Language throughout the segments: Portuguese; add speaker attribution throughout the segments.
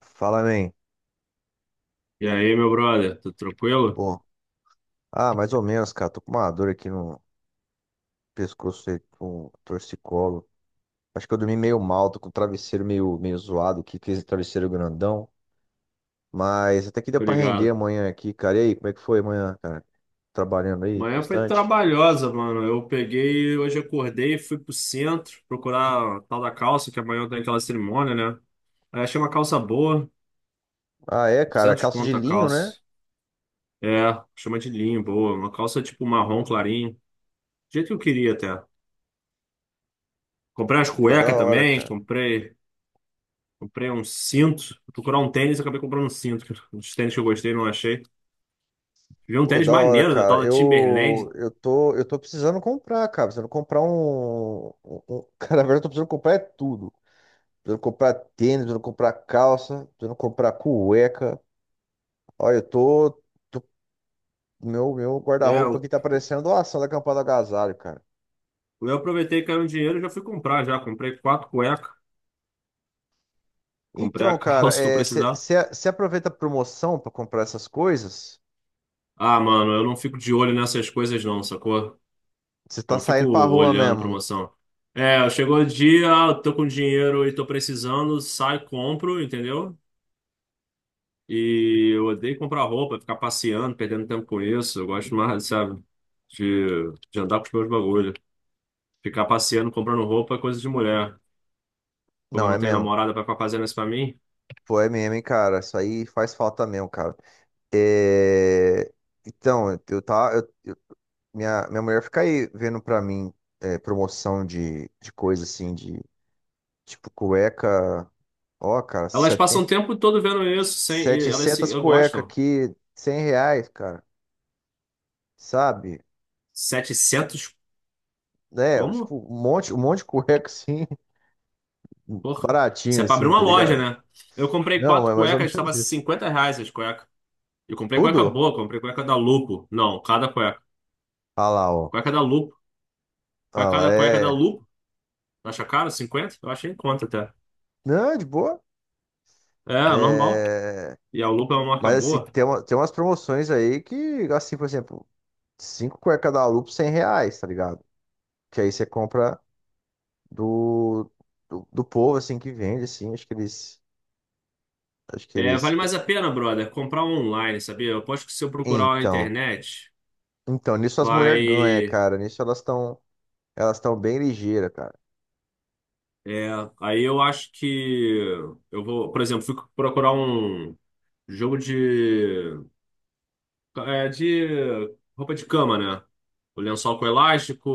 Speaker 1: Fala, man.
Speaker 2: E aí, meu brother, tá tranquilo?
Speaker 1: Pô, Mais ou menos, cara. Tô com uma dor aqui no pescoço aí com torcicolo. Acho que eu dormi meio mal, tô com o travesseiro meio zoado aqui, que esse travesseiro grandão. Mas até que deu pra render
Speaker 2: Obrigado.
Speaker 1: amanhã aqui, cara. E aí, como é que foi amanhã, cara? Trabalhando aí
Speaker 2: Manhã foi
Speaker 1: bastante?
Speaker 2: trabalhosa, mano. Eu peguei, hoje acordei, fui pro centro procurar a tal da calça, que amanhã tem aquela cerimônia, né? Aí achei uma calça boa,
Speaker 1: Ah, é, cara.
Speaker 2: 200
Speaker 1: Calça de
Speaker 2: conto a
Speaker 1: linho, né?
Speaker 2: calça. É, chama de linho, boa. Uma calça tipo marrom clarinho, do jeito que eu queria até. Comprei as
Speaker 1: Pô, da
Speaker 2: cuecas
Speaker 1: hora,
Speaker 2: também,
Speaker 1: cara.
Speaker 2: comprei um cinto. Fui procurar um tênis, acabei comprando um cinto. Os tênis que eu gostei, não achei. Vi um
Speaker 1: Pô,
Speaker 2: tênis
Speaker 1: da hora,
Speaker 2: maneiro da tal
Speaker 1: cara.
Speaker 2: da Timberland.
Speaker 1: Eu tô precisando comprar, cara. Precisando comprar Cara, na verdade, eu tô precisando comprar é tudo. Precisando comprar tênis, precisando comprar calça, precisando comprar cueca. Olha, tô- meu
Speaker 2: É,
Speaker 1: guarda-roupa aqui tá parecendo doação da campanha do Agasalho, cara.
Speaker 2: Eu aproveitei que caiu um dinheiro e já fui comprar já. Comprei quatro cuecas, comprei a
Speaker 1: Então, cara,
Speaker 2: calça que eu precisava.
Speaker 1: você aproveita a promoção pra comprar essas coisas?
Speaker 2: Ah, mano, eu não fico de olho nessas coisas não, sacou?
Speaker 1: Você
Speaker 2: Eu
Speaker 1: tá
Speaker 2: não fico
Speaker 1: saindo pra rua
Speaker 2: olhando
Speaker 1: mesmo?
Speaker 2: promoção. É, chegou o dia, ah, eu tô com dinheiro e tô precisando, sai, compro, entendeu? E eu odeio comprar roupa, ficar passeando, perdendo tempo com isso. Eu gosto mais, sabe, de andar com os meus bagulhos. Ficar passeando, comprando roupa é coisa de mulher. Como eu
Speaker 1: Não, é
Speaker 2: não tenho
Speaker 1: mesmo.
Speaker 2: namorada pra ficar fazendo isso pra mim,
Speaker 1: Pô, é mesmo, hein, cara. Isso aí faz falta mesmo, cara. É. Então, eu tá, eu- minha mulher fica aí vendo pra mim é, promoção de coisa assim, de tipo cueca. Ó, cara, R$
Speaker 2: elas passam o tempo todo vendo isso, sem, e elas se,
Speaker 1: 700
Speaker 2: eu
Speaker 1: cueca
Speaker 2: gostam.
Speaker 1: aqui, 100 reais, cara, sabe?
Speaker 2: 700,
Speaker 1: Né? Tipo,
Speaker 2: como?
Speaker 1: um monte de cueca assim,
Speaker 2: Porra. Isso
Speaker 1: baratinho
Speaker 2: é pra abrir
Speaker 1: assim,
Speaker 2: uma
Speaker 1: tá
Speaker 2: loja,
Speaker 1: ligado?
Speaker 2: né? Eu comprei
Speaker 1: Não,
Speaker 2: quatro
Speaker 1: mas mais ou
Speaker 2: cuecas, estava
Speaker 1: menos isso.
Speaker 2: R$ 50 as cuecas. Eu comprei cueca
Speaker 1: Tudo?
Speaker 2: boa, comprei cueca da Lupo. Não, cada cueca.
Speaker 1: Ah lá, ó.
Speaker 2: Cueca da Lupo.
Speaker 1: Ah lá,
Speaker 2: Cada cueca da
Speaker 1: é.
Speaker 2: Lupo. Acha caro? 50? Eu achei em conta até.
Speaker 1: Não, é de boa.
Speaker 2: É, normal.
Speaker 1: É.
Speaker 2: E a Lupo é uma marca
Speaker 1: Mas assim,
Speaker 2: boa.
Speaker 1: tem umas promoções aí que, assim, por exemplo, 5 cueca da Lupo, 100 reais, tá ligado? Que aí você compra do, do povo, assim, que vende, assim, acho que eles. Acho que
Speaker 2: É,
Speaker 1: eles.
Speaker 2: vale mais a pena, brother, comprar online, sabia? Eu aposto que se eu procurar na
Speaker 1: Então.
Speaker 2: internet,
Speaker 1: Então, nisso as mulheres ganham,
Speaker 2: vai.
Speaker 1: cara. Nisso elas estão bem ligeiras, cara.
Speaker 2: É, aí eu acho que eu vou, por exemplo, fui procurar um jogo de roupa de cama, né? O lençol com elástico,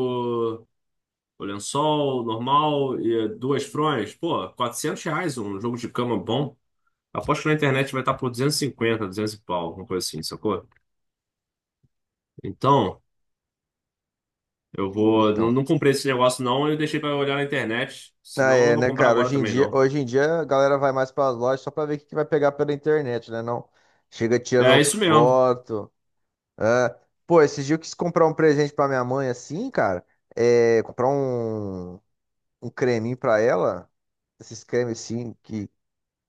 Speaker 2: o lençol normal e duas fronhas. Pô, R$ 400 um jogo de cama bom. Aposto que na internet vai estar por 250, 200 e pau, alguma coisa assim, sacou? Então, eu vou. Não,
Speaker 1: Então.
Speaker 2: não comprei esse negócio, não. Eu deixei pra olhar na internet.
Speaker 1: Ah,
Speaker 2: Senão, eu não
Speaker 1: é,
Speaker 2: vou
Speaker 1: né,
Speaker 2: comprar
Speaker 1: cara?
Speaker 2: agora
Speaker 1: Hoje em
Speaker 2: também,
Speaker 1: dia,
Speaker 2: não.
Speaker 1: hoje em dia a galera vai mais para as lojas só para ver o que que vai pegar pela internet, né? Não chega tirando
Speaker 2: É isso mesmo.
Speaker 1: foto. Ah. Pô, esses dias eu quis comprar um presente para minha mãe assim, cara. É, comprar um creminho para ela. Esses cremes assim, que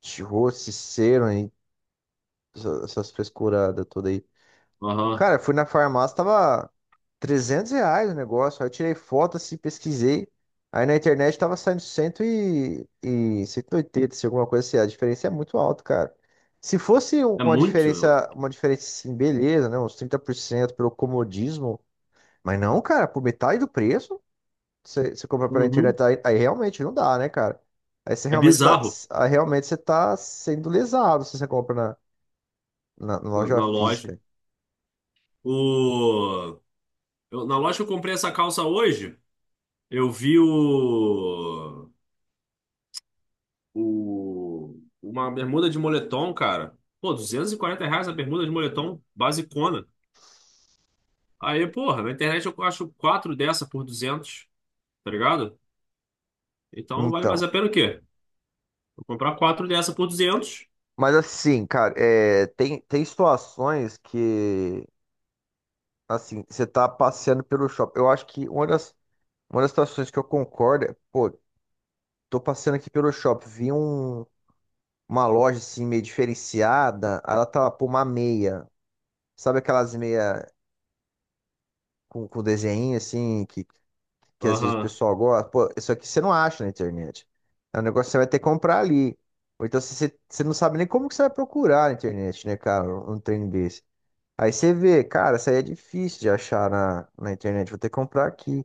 Speaker 1: de rosto, cera, hein? Essas frescuradas todas aí.
Speaker 2: Aham.
Speaker 1: Cara, fui na farmácia, tava 300 reais o negócio. Aí eu tirei foto, assim, pesquisei. Aí na internet tava saindo 100 e, e 180, se alguma coisa assim. A diferença é muito alta, cara. Se fosse um-
Speaker 2: É
Speaker 1: uma
Speaker 2: muito.
Speaker 1: diferença, uma diferença assim, beleza, né? Uns 30% pelo comodismo. Mas não, cara, por metade do preço, você compra pela
Speaker 2: Uhum.
Speaker 1: internet, aí realmente não dá, né, cara? Aí você
Speaker 2: É
Speaker 1: realmente tá,
Speaker 2: bizarro
Speaker 1: aí realmente você tá sendo lesado se você compra na
Speaker 2: na,
Speaker 1: loja
Speaker 2: na loja.
Speaker 1: física.
Speaker 2: O, na loja que eu comprei essa calça hoje, eu vi uma bermuda de moletom, cara. Pô, R$ 240 a bermuda de moletom basicona. Aí, porra, na internet eu acho quatro dessa por 200. Tá ligado? Então vale mais
Speaker 1: Então.
Speaker 2: a pena o quê? Eu comprar quatro dessa por 200?
Speaker 1: Mas assim, cara, é, tem situações que, assim, você tá passeando pelo shopping. Eu acho que uma das situações que eu concordo é, pô, tô passeando aqui pelo shopping, vi um, uma loja assim meio diferenciada, aí ela tava por uma meia. Sabe aquelas meia com desenho assim, que às vezes o
Speaker 2: Aham,
Speaker 1: pessoal gosta? Pô, isso aqui você não acha na internet. É um negócio que você vai ter que comprar ali. Ou então você não sabe nem como que você vai procurar na internet, né, cara? Um trem desse. Aí você vê, cara, isso aí é difícil de achar na internet, vou ter que comprar aqui.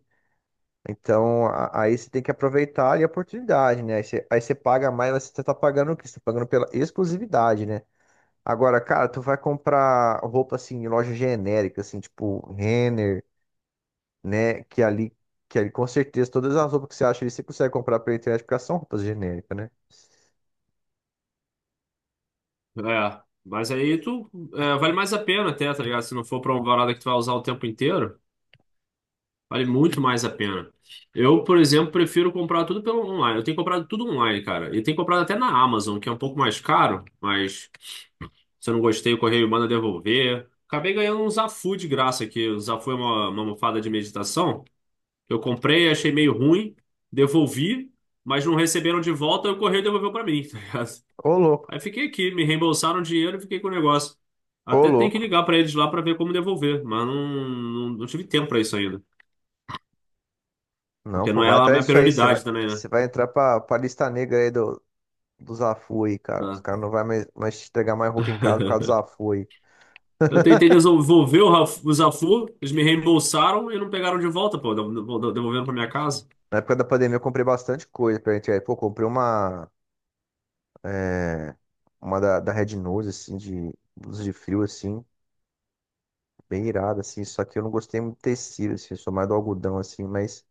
Speaker 1: Então, aí você tem que aproveitar ali a oportunidade, né? Aí você paga mais, mas você tá pagando o quê? Você tá pagando pela exclusividade, né? Agora, cara, tu vai comprar roupa assim em loja genérica, assim, tipo Renner, né? Que ali com certeza todas as roupas que você acha ali, você consegue comprar pela internet, porque elas são roupas genéricas, né?
Speaker 2: é. Mas aí tu, é, vale mais a pena até, tá ligado? Se não for pra uma parada que tu vai usar o tempo inteiro. Vale muito mais a pena. Eu, por exemplo, prefiro comprar tudo pelo online. Eu tenho comprado tudo online, cara. E tenho comprado até na Amazon, que é um pouco mais caro, mas se eu não gostei, o correio manda devolver. Acabei ganhando um Zafu de graça aqui. O Zafu é uma almofada de meditação. Eu comprei, achei meio ruim, devolvi, mas não receberam de volta e o correio devolveu pra mim, tá ligado?
Speaker 1: Ô, louco,
Speaker 2: Aí fiquei aqui, me reembolsaram o dinheiro e fiquei com o negócio.
Speaker 1: ô,
Speaker 2: Até tem que
Speaker 1: louco.
Speaker 2: ligar pra eles lá pra ver como devolver, mas não tive tempo pra isso ainda.
Speaker 1: Não,
Speaker 2: Porque
Speaker 1: pô,
Speaker 2: não é
Speaker 1: vai
Speaker 2: a
Speaker 1: atrás
Speaker 2: minha
Speaker 1: disso aí. Você vai,
Speaker 2: prioridade também, né?
Speaker 1: você vai entrar pra lista negra aí do Zafui, cara. Os
Speaker 2: Tá.
Speaker 1: caras não vai mais te entregar mais roupa em casa por causa do Zafui.
Speaker 2: Eu tentei desenvolver o Zafu, eles me reembolsaram e não pegaram de volta, pô, devolvendo pra minha casa.
Speaker 1: Na época da pandemia eu comprei bastante coisa pra gente. Aí, pô, comprei uma, é, uma da Red Nose, assim, de blusa de frio, assim, bem irada, assim. Só que eu não gostei muito do tecido, assim, eu sou mais do algodão, assim, mas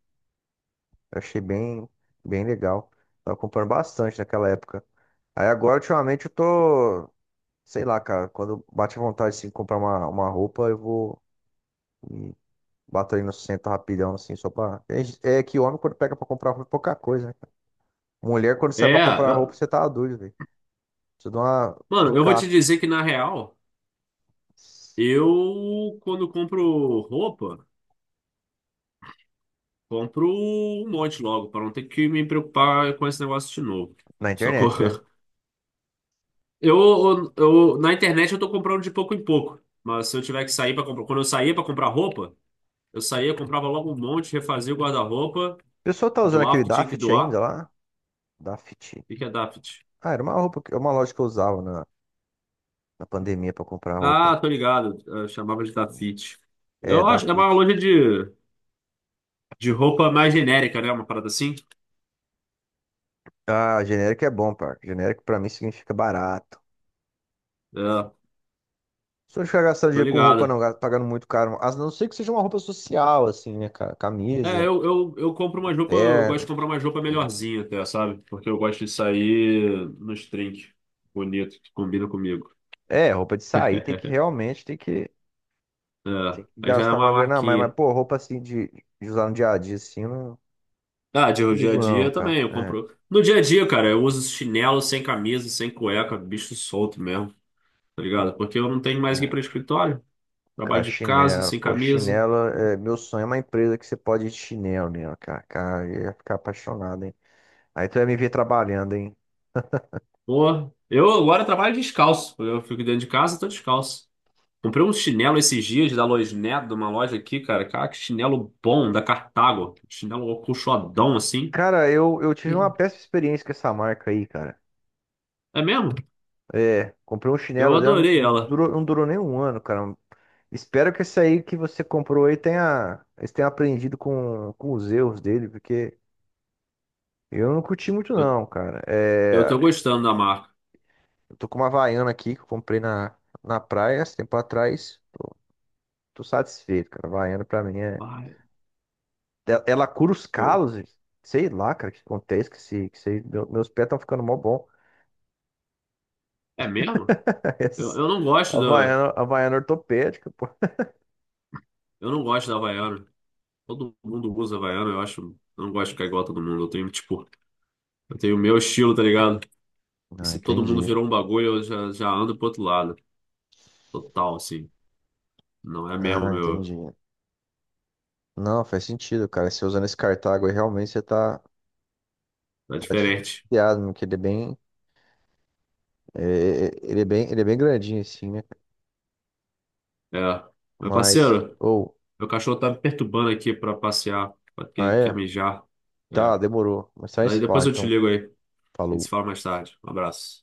Speaker 1: eu achei bem, bem legal. Tava comprando bastante naquela época. Aí agora, ultimamente, eu tô, sei lá, cara, quando bate a vontade, assim, de comprar uma roupa, eu vou. Bato ali no centro rapidão, assim, só pra. É que homem, quando pega pra comprar roupa, é pouca coisa, né, cara? Mulher, quando sai
Speaker 2: É,
Speaker 1: pra comprar roupa,
Speaker 2: eu-
Speaker 1: você tá doido, velho. Precisa de uma
Speaker 2: mano, eu vou te
Speaker 1: picape
Speaker 2: dizer que na real, eu quando compro roupa, compro um monte logo, pra não ter que me preocupar com esse negócio de novo.
Speaker 1: na
Speaker 2: Só que
Speaker 1: internet, né? O
Speaker 2: eu, na internet eu tô comprando de pouco em pouco, mas se eu tiver que sair para comprar, quando eu saía pra comprar roupa, eu saía, comprava logo um monte, refazia o guarda-roupa.
Speaker 1: pessoal tá usando
Speaker 2: Doar o
Speaker 1: aquele
Speaker 2: que tinha que
Speaker 1: Daft
Speaker 2: doar?
Speaker 1: ainda
Speaker 2: O
Speaker 1: lá? Daft.
Speaker 2: que que é Dafit?
Speaker 1: Ah, era uma roupa, uma loja que eu usava na pandemia pra comprar roupa.
Speaker 2: Ah, tô ligado. Eu chamava de Dafit.
Speaker 1: É,
Speaker 2: Eu acho, que é uma
Speaker 1: Daft.
Speaker 2: loja de, roupa mais genérica, né? Uma parada assim.
Speaker 1: Ah, genérico é bom, par. Genérico pra mim significa barato.
Speaker 2: É,
Speaker 1: Se eu ficar gastando
Speaker 2: tô
Speaker 1: dinheiro com roupa, não,
Speaker 2: ligado.
Speaker 1: pagando muito caro. A não ser que seja uma roupa social, assim, né, cara?
Speaker 2: É,
Speaker 1: Camisa,
Speaker 2: eu compro uma roupa, eu gosto de
Speaker 1: terno,
Speaker 2: comprar uma roupa
Speaker 1: né?
Speaker 2: melhorzinha até, sabe? Porque eu gosto de sair nos trinques bonito, que combina comigo.
Speaker 1: É, roupa de sair tem que realmente
Speaker 2: É,
Speaker 1: tem que
Speaker 2: aí já é
Speaker 1: gastar
Speaker 2: uma
Speaker 1: uma grana a mais, mas
Speaker 2: marquinha.
Speaker 1: pô, roupa assim de usar no dia a dia assim, eu não,
Speaker 2: Ah, de
Speaker 1: não
Speaker 2: dia a
Speaker 1: ligo não,
Speaker 2: dia
Speaker 1: cara.
Speaker 2: também, eu
Speaker 1: É,
Speaker 2: compro. No dia a dia, cara, eu uso chinelo sem camisa, sem cueca, bicho solto mesmo. Tá ligado? Porque eu não tenho mais que ir para
Speaker 1: é.
Speaker 2: escritório. Trabalho
Speaker 1: Cara,
Speaker 2: de casa,
Speaker 1: chinelo,
Speaker 2: sem
Speaker 1: pô,
Speaker 2: camisa.
Speaker 1: chinelo, é, meu sonho é uma empresa que você pode ir de chinelo nela, cara. Cara, eu ia ficar apaixonado, hein? Aí tu ia me ver trabalhando, hein?
Speaker 2: Porra, eu agora trabalho descalço. Eu fico dentro de casa, tô descalço. Comprei um chinelo esses dias da Loisnet, de uma loja aqui, cara. Cara, que chinelo bom, da Cartago. Chinelo acolchoadão, assim.
Speaker 1: Cara, eu tive uma
Speaker 2: Sim.
Speaker 1: péssima experiência com essa marca aí, cara.
Speaker 2: É mesmo?
Speaker 1: É, comprei um
Speaker 2: Eu
Speaker 1: chinelo dela,
Speaker 2: adorei
Speaker 1: não
Speaker 2: ela.
Speaker 1: durou, não durou nem um ano, cara. Espero que esse aí que você comprou aí tenha, eles tenham aprendido com os erros dele, porque. Eu não curti muito
Speaker 2: Eu,
Speaker 1: não, cara.
Speaker 2: eu tô
Speaker 1: É,
Speaker 2: gostando da marca.
Speaker 1: eu tô com uma Havaiana aqui que eu comprei na praia esse tempo atrás. Tô satisfeito, cara. Havaiana pra mim é.
Speaker 2: Ai,
Speaker 1: Ela cura os
Speaker 2: eu,
Speaker 1: calos, gente. Sei lá, cara, o que acontece que se- meu- meus pés estão ficando mó bom.
Speaker 2: é mesmo? Eu,
Speaker 1: Essas
Speaker 2: eu não gosto da,
Speaker 1: Havaiana, Havaiana ortopédica, pô.
Speaker 2: eu não gosto da Havaiana. Todo mundo usa Havaiana, eu acho. Eu não gosto de ficar igual a todo mundo. Eu tenho, tipo, eu tenho o meu estilo, tá ligado? E
Speaker 1: Ah,
Speaker 2: se todo mundo
Speaker 1: entendi.
Speaker 2: virou um bagulho, eu já, ando pro outro lado. Total, assim. Não é mesmo,
Speaker 1: Ah, entendi.
Speaker 2: meu.
Speaker 1: Não, faz sentido, cara. Se usando esse cartago aí, realmente você tá,
Speaker 2: É
Speaker 1: tá
Speaker 2: diferente.
Speaker 1: diferenciado, né? Porque ele é bem, é, ele é bem grandinho assim, né?
Speaker 2: É. Meu
Speaker 1: Mas,
Speaker 2: parceiro,
Speaker 1: ou,
Speaker 2: meu cachorro tá me perturbando aqui pra passear, porque
Speaker 1: ah,
Speaker 2: ele quer
Speaker 1: é?
Speaker 2: mijar. É.
Speaker 1: Tá, demorou. Mas só
Speaker 2: Daí
Speaker 1: esse fala,
Speaker 2: depois eu te
Speaker 1: então.
Speaker 2: ligo aí. A gente se
Speaker 1: Falou.
Speaker 2: fala mais tarde. Um abraço.